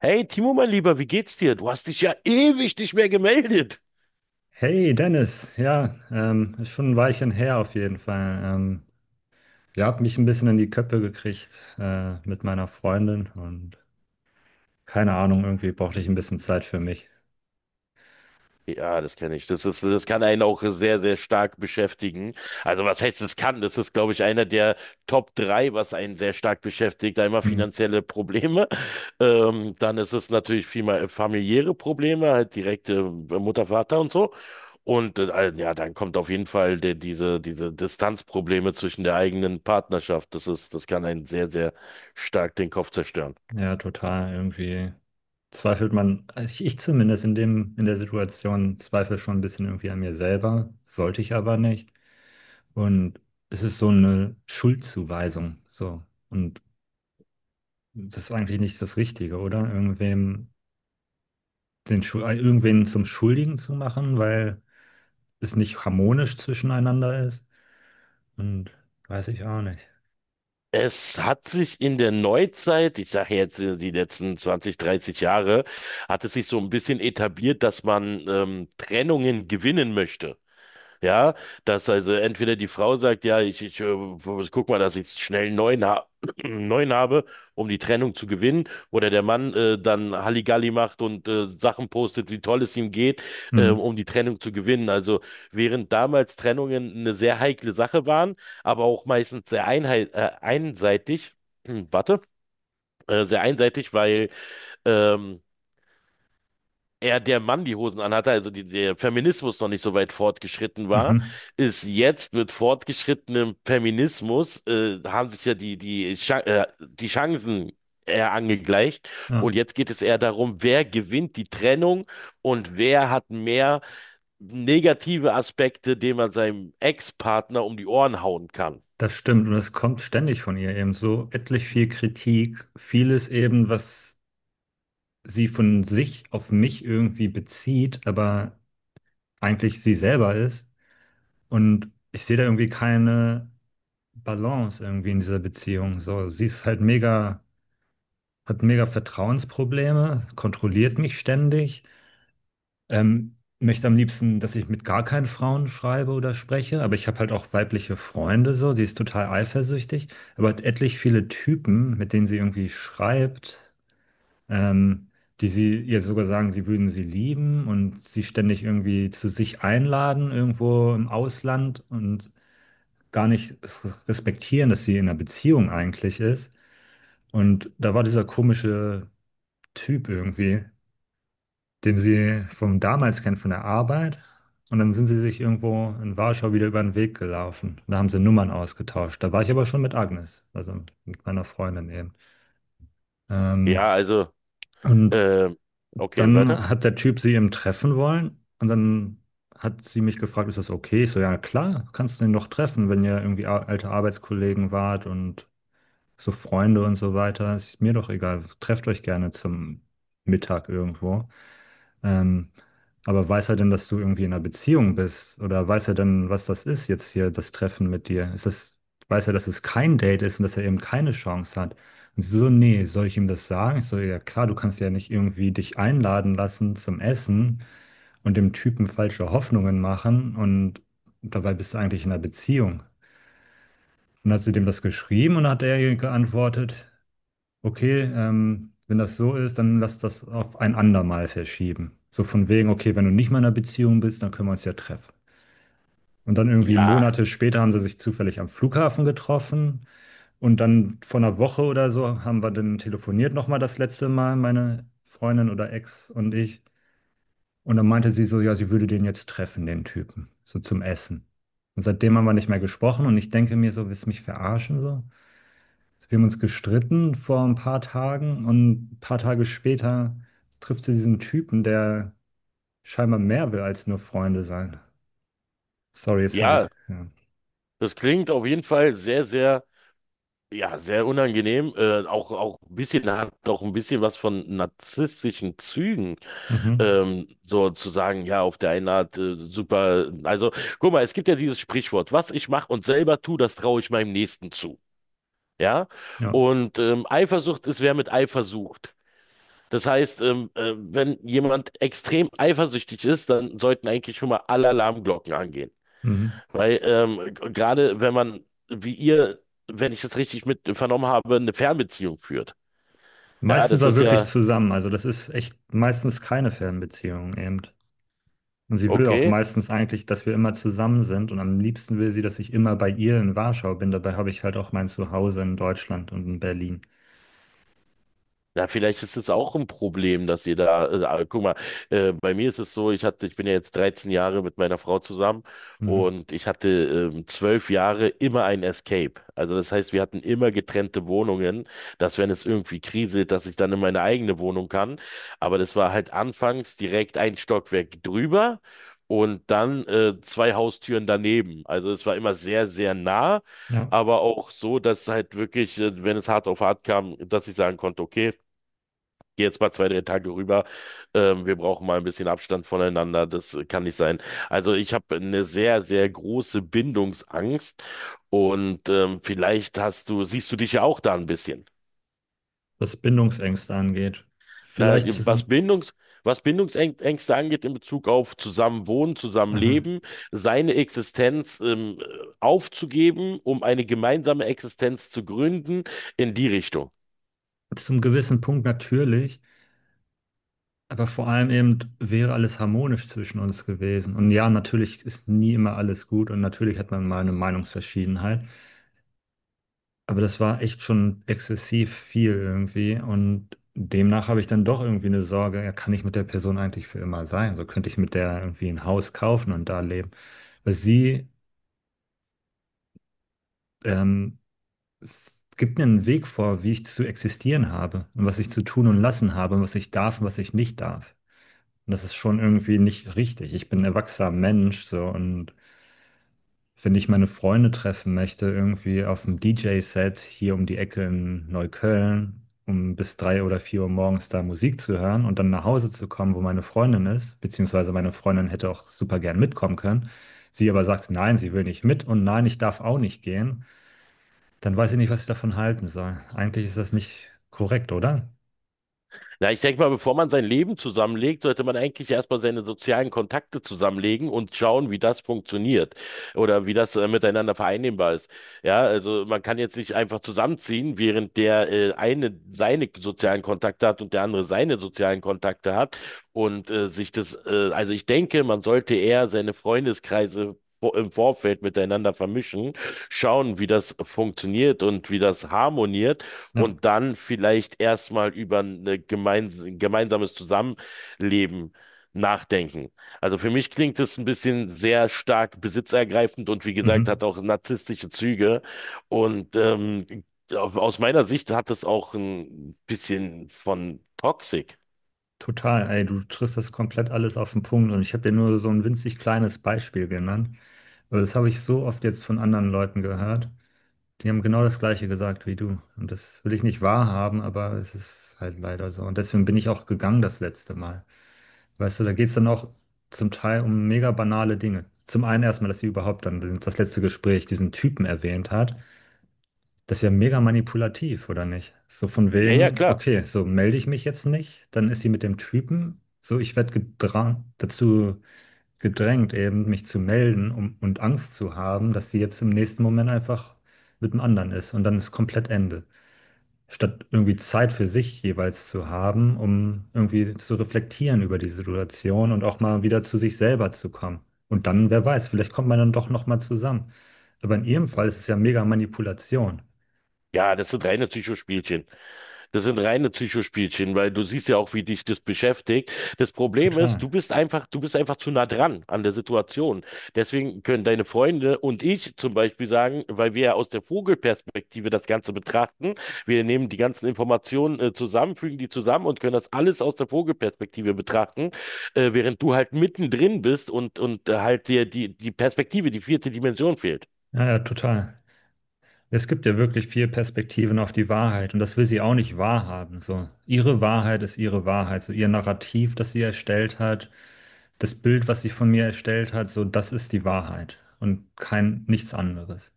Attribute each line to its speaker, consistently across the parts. Speaker 1: Hey, Timo, mein Lieber, wie geht's dir? Du hast dich ja ewig nicht mehr gemeldet.
Speaker 2: Hey Dennis, ja, ist schon ein Weilchen her auf jeden Fall. Ihr habt mich ein bisschen in die Köpfe gekriegt mit meiner Freundin und keine Ahnung, irgendwie brauchte ich ein bisschen Zeit für mich.
Speaker 1: Ja, das kenne ich. Das kann einen auch sehr, sehr stark beschäftigen. Also was heißt das kann? Das ist, glaube ich, einer der Top drei, was einen sehr stark beschäftigt. Einmal
Speaker 2: Hm.
Speaker 1: finanzielle Probleme, dann ist es natürlich viel mal familiäre Probleme, halt direkte Mutter, Vater und so. Und ja, dann kommt auf jeden Fall diese Distanzprobleme zwischen der eigenen Partnerschaft. Das kann einen sehr, sehr stark den Kopf zerstören.
Speaker 2: Ja, total. Irgendwie zweifelt man, also ich zumindest in der Situation zweifle schon ein bisschen irgendwie an mir selber, sollte ich aber nicht. Und es ist so eine Schuldzuweisung, so. Und das ist eigentlich nicht das Richtige, oder? Irgendwem den Schul irgendwen zum Schuldigen zu machen, weil es nicht harmonisch zwischeneinander ist. Und weiß ich auch nicht.
Speaker 1: Es hat sich in der Neuzeit, ich sage jetzt die letzten 20, 30 Jahre, hat es sich so ein bisschen etabliert, dass man Trennungen gewinnen möchte. Ja, dass also entweder die Frau sagt, ja, ich guck mal, dass ich schnell einen neuen, ha einen neuen habe, um die Trennung zu gewinnen, oder der Mann dann Halligalli macht und Sachen postet, wie toll es ihm geht,
Speaker 2: Hm.
Speaker 1: um die Trennung zu gewinnen. Also während damals Trennungen eine sehr heikle Sache waren, aber auch meistens sehr einseitig, warte, sehr einseitig, weil ähm, er der Mann die Hosen anhatte, also der Feminismus noch nicht so weit fortgeschritten war,
Speaker 2: Mhm.
Speaker 1: ist jetzt mit fortgeschrittenem Feminismus, haben sich ja die Chancen eher angegleicht.
Speaker 2: Ja,
Speaker 1: Und jetzt geht es eher darum, wer gewinnt die Trennung und wer hat mehr negative Aspekte, die man seinem Ex-Partner um die Ohren hauen kann.
Speaker 2: das stimmt. Und es kommt ständig von ihr eben so etlich viel Kritik, vieles eben, was sie von sich auf mich irgendwie bezieht, aber eigentlich sie selber ist. Und ich sehe da irgendwie keine Balance irgendwie in dieser Beziehung. So, sie ist halt mega, hat mega Vertrauensprobleme, kontrolliert mich ständig. Möchte am liebsten, dass ich mit gar keinen Frauen schreibe oder spreche, aber ich habe halt auch weibliche Freunde so, die ist total eifersüchtig, aber hat etlich viele Typen, mit denen sie irgendwie schreibt, ähm, die sie ihr sogar sagen, sie würden sie lieben und sie ständig irgendwie zu sich einladen, irgendwo im Ausland und gar nicht respektieren, dass sie in einer Beziehung eigentlich ist. Und da war dieser komische Typ irgendwie, den sie vom damals kennen, von der Arbeit. Und dann sind sie sich irgendwo in Warschau wieder über den Weg gelaufen. Da haben sie Nummern ausgetauscht. Da war ich aber schon mit Agnes, also mit meiner Freundin eben. Ähm,
Speaker 1: Ja, also,
Speaker 2: und
Speaker 1: äh, okay, weiter.
Speaker 2: dann hat der Typ sie eben treffen wollen. Und dann hat sie mich gefragt, ist das okay? Ich so, ja klar, kannst du den doch treffen, wenn ihr irgendwie alte Arbeitskollegen wart und so Freunde und so weiter. Ist mir doch egal. Trefft euch gerne zum Mittag irgendwo. Ähm, aber weiß er denn, dass du irgendwie in einer Beziehung bist? Oder weiß er denn, was das ist jetzt hier, das Treffen mit dir? Weiß er, dass es kein Date ist und dass er eben keine Chance hat? Und sie so, nee, soll ich ihm das sagen? Ich so, ja klar, du kannst ja nicht irgendwie dich einladen lassen zum Essen und dem Typen falsche Hoffnungen machen und dabei bist du eigentlich in einer Beziehung. Und hat sie dem das geschrieben und hat er ihr geantwortet? Okay, wenn das so ist, dann lass das auf ein andermal verschieben. So von wegen, okay, wenn du nicht mehr in einer Beziehung bist, dann können wir uns ja treffen. Und dann irgendwie
Speaker 1: Ja,
Speaker 2: Monate später haben sie sich zufällig am Flughafen getroffen und dann vor einer Woche oder so haben wir dann telefoniert nochmal das letzte Mal, meine Freundin oder Ex und ich. Und dann meinte sie so, ja, sie würde den jetzt treffen, den Typen, so zum Essen. Und seitdem haben wir nicht mehr gesprochen und ich denke mir so, willst du mich verarschen so? Also wir haben uns gestritten vor ein paar Tagen und ein paar Tage später trifft sie diesen Typen, der scheinbar mehr will als nur Freunde sein. Sorry, jetzt habe
Speaker 1: ja,
Speaker 2: ich. Ja.
Speaker 1: das klingt auf jeden Fall sehr, sehr, ja, sehr unangenehm. Auch, auch ein bisschen hat auch ein bisschen was von narzisstischen Zügen,
Speaker 2: Mhm.
Speaker 1: so zu sagen, ja, auf der einen Art super. Also, guck mal, es gibt ja dieses Sprichwort, was ich mache und selber tue, das traue ich meinem Nächsten zu. Ja.
Speaker 2: Ja.
Speaker 1: Und Eifersucht ist, wer mit Eifer sucht. Das heißt, wenn jemand extrem eifersüchtig ist, dann sollten eigentlich schon mal alle Alarmglocken angehen.
Speaker 2: Mhm.
Speaker 1: Weil gerade wenn man, wie ihr, wenn ich das richtig mit vernommen habe, eine Fernbeziehung führt. Ja,
Speaker 2: Meistens
Speaker 1: das
Speaker 2: war
Speaker 1: ist
Speaker 2: wirklich
Speaker 1: ja
Speaker 2: zusammen, also das ist echt meistens keine Fernbeziehung eben. Und sie will auch
Speaker 1: okay.
Speaker 2: meistens eigentlich, dass wir immer zusammen sind und am liebsten will sie, dass ich immer bei ihr in Warschau bin. Dabei habe ich halt auch mein Zuhause in Deutschland und in Berlin.
Speaker 1: Ja, vielleicht ist es auch ein Problem, dass ihr da, guck mal, bei mir ist es so, ich bin ja jetzt 13 Jahre mit meiner Frau zusammen
Speaker 2: Mhm.
Speaker 1: und ich hatte 12 Jahre immer ein Escape. Also das heißt, wir hatten immer getrennte Wohnungen, dass wenn es irgendwie kriselt, dass ich dann in meine eigene Wohnung kann. Aber das war halt anfangs direkt ein Stockwerk drüber und dann zwei Haustüren daneben. Also es war immer sehr, sehr nah.
Speaker 2: Ja.
Speaker 1: Aber auch so, dass halt wirklich, wenn es hart auf hart kam, dass ich sagen konnte, okay, geh jetzt mal 2, 3 Tage rüber. Wir brauchen mal ein bisschen Abstand voneinander. Das kann nicht sein. Also ich habe eine sehr, sehr große Bindungsangst und vielleicht siehst du dich ja auch da ein bisschen.
Speaker 2: Was Bindungsängste angeht.
Speaker 1: Na,
Speaker 2: Vielleicht zum.
Speaker 1: Was Bindungsängste angeht in Bezug auf Zusammenwohnen,
Speaker 2: Aha.
Speaker 1: Zusammenleben, seine Existenz aufzugeben, um eine gemeinsame Existenz zu gründen, in die Richtung.
Speaker 2: Zum gewissen Punkt natürlich, aber vor allem eben wäre alles harmonisch zwischen uns gewesen. Und ja, natürlich ist nie immer alles gut und natürlich hat man mal eine Meinungsverschiedenheit, aber das war echt schon exzessiv viel irgendwie und demnach habe ich dann doch irgendwie eine Sorge, ja, kann ich mit der Person eigentlich für immer sein? So könnte ich mit der irgendwie ein Haus kaufen und da leben. Weil sie ähm, es gibt mir einen Weg vor, wie ich zu existieren habe und was ich zu tun und lassen habe und was ich darf und was ich nicht darf. Und das ist schon irgendwie nicht richtig. Ich bin ein erwachsener Mensch, so und wenn ich meine Freunde treffen möchte, irgendwie auf dem DJ-Set hier um die Ecke in Neukölln, um bis drei oder vier Uhr morgens da Musik zu hören und dann nach Hause zu kommen, wo meine Freundin ist, beziehungsweise meine Freundin hätte auch super gern mitkommen können. Sie aber sagt, nein, sie will nicht mit und nein, ich darf auch nicht gehen, dann weiß ich nicht, was ich davon halten soll. Eigentlich ist das nicht korrekt, oder?
Speaker 1: Na, ich denke mal, bevor man sein Leben zusammenlegt, sollte man eigentlich erstmal seine sozialen Kontakte zusammenlegen und schauen, wie das funktioniert oder wie das miteinander vereinnehmbar ist. Ja, also man kann jetzt nicht einfach zusammenziehen, während der eine seine sozialen Kontakte hat und der andere seine sozialen Kontakte hat und also ich denke, man sollte eher seine Freundeskreise im Vorfeld miteinander vermischen, schauen, wie das funktioniert und wie das harmoniert
Speaker 2: Ja.
Speaker 1: und dann vielleicht erstmal über ein gemeinsames Zusammenleben nachdenken. Also für mich klingt es ein bisschen sehr stark besitzergreifend und wie gesagt,
Speaker 2: Mhm.
Speaker 1: hat auch narzisstische Züge. Und aus meiner Sicht hat es auch ein bisschen von Toxic.
Speaker 2: Total, ey, du triffst das komplett alles auf den Punkt und ich habe dir nur so ein winzig kleines Beispiel genannt. Aber das habe ich so oft jetzt von anderen Leuten gehört. Die haben genau das Gleiche gesagt wie du. Und das will ich nicht wahrhaben, aber es ist halt leider so. Und deswegen bin ich auch gegangen das letzte Mal. Weißt du, da geht es dann auch zum Teil um mega banale Dinge. Zum einen erstmal, dass sie überhaupt dann das letzte Gespräch diesen Typen erwähnt hat. Das ist ja mega manipulativ, oder nicht? So von
Speaker 1: Ja, ja,
Speaker 2: wegen,
Speaker 1: klar.
Speaker 2: okay, so melde ich mich jetzt nicht, dann ist sie mit dem Typen, so ich werde gedrang, dazu gedrängt, eben mich zu melden um, und Angst zu haben, dass sie jetzt im nächsten Moment einfach mit dem anderen ist und dann ist komplett Ende. Statt irgendwie Zeit für sich jeweils zu haben, um irgendwie zu reflektieren über die Situation und auch mal wieder zu sich selber zu kommen. Und dann, wer weiß, vielleicht kommt man dann doch nochmal zusammen. Aber in ihrem Fall ist es ja mega Manipulation.
Speaker 1: Ja, das sind reine Psychospielchen. Das sind reine Psychospielchen, weil du siehst ja auch, wie dich das beschäftigt. Das Problem ist, du
Speaker 2: Total.
Speaker 1: bist einfach, du bist einfach zu nah dran an der Situation. Deswegen können deine Freunde und ich zum Beispiel sagen, weil wir ja aus der Vogelperspektive das Ganze betrachten, wir nehmen die ganzen Informationen zusammen, fügen die zusammen und können das alles aus der Vogelperspektive betrachten, während du halt mittendrin bist und halt dir die Perspektive, die vierte Dimension fehlt.
Speaker 2: Ja, ja, total. Es gibt ja wirklich viel Perspektiven auf die Wahrheit und das will sie auch nicht wahrhaben. So, ihre Wahrheit ist ihre Wahrheit. So, ihr Narrativ, das sie erstellt hat, das Bild, was sie von mir erstellt hat, so, das ist die Wahrheit und kein nichts anderes.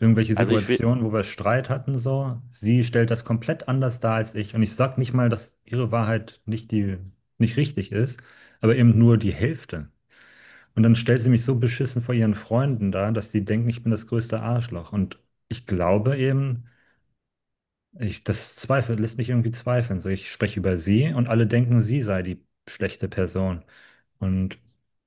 Speaker 2: Irgendwelche
Speaker 1: Also ich,
Speaker 2: Situationen, wo wir Streit hatten, so, sie stellt das komplett anders dar als ich und ich sag nicht mal, dass ihre Wahrheit nicht richtig ist, aber eben nur die Hälfte. Und dann stellt sie mich so beschissen vor ihren Freunden dar, dass die denken, ich bin das größte Arschloch. Und ich glaube eben, das zweifelt, lässt mich irgendwie zweifeln. So, ich spreche über sie und alle denken, sie sei die schlechte Person. Und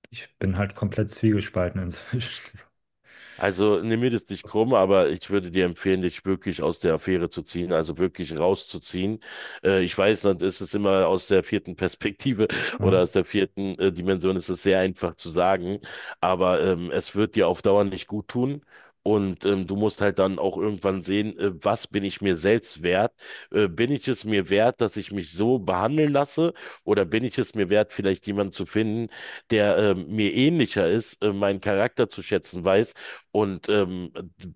Speaker 2: ich bin halt komplett zwiegespalten inzwischen.
Speaker 1: Also nimm mir das nicht krumm, aber ich würde dir empfehlen, dich wirklich aus der Affäre zu ziehen, also wirklich rauszuziehen. Ich weiß, dann ist es immer aus der vierten Perspektive oder
Speaker 2: Ja.
Speaker 1: aus der vierten Dimension ist es sehr einfach zu sagen, aber es wird dir auf Dauer nicht gut tun. Und du musst halt dann auch irgendwann sehen, was bin ich mir selbst wert? Bin ich es mir wert, dass ich mich so behandeln lasse? Oder bin ich es mir wert, vielleicht jemanden zu finden, der mir ähnlicher ist, meinen Charakter zu schätzen weiß? Und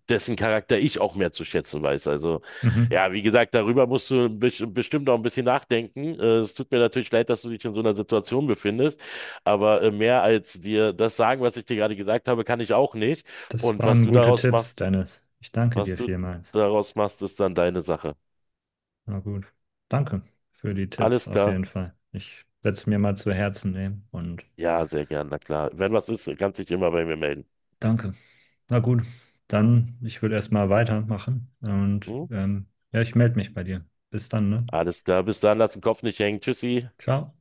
Speaker 1: dessen Charakter ich auch mehr zu schätzen weiß. Also
Speaker 2: Mhm.
Speaker 1: ja, wie gesagt, darüber musst du bestimmt auch ein bisschen nachdenken. Es tut mir natürlich leid, dass du dich in so einer Situation befindest, aber mehr als dir das sagen, was ich dir gerade gesagt habe, kann ich auch nicht.
Speaker 2: Das
Speaker 1: Und
Speaker 2: waren gute Tipps, Dennis. Ich danke
Speaker 1: was
Speaker 2: dir
Speaker 1: du
Speaker 2: vielmals.
Speaker 1: daraus machst, ist dann deine Sache.
Speaker 2: Na gut. Danke für die Tipps
Speaker 1: Alles
Speaker 2: auf
Speaker 1: klar?
Speaker 2: jeden Fall. Ich werde es mir mal zu Herzen nehmen und
Speaker 1: Ja, sehr gern, na klar. Wenn was ist, kannst dich immer bei mir melden.
Speaker 2: danke. Na gut, dann ich würde erstmal weitermachen und
Speaker 1: Hm?
Speaker 2: ja, ich melde mich bei dir. Bis dann, ne?
Speaker 1: Alles klar, bis dann, lass den Kopf nicht hängen. Tschüssi.
Speaker 2: Ciao.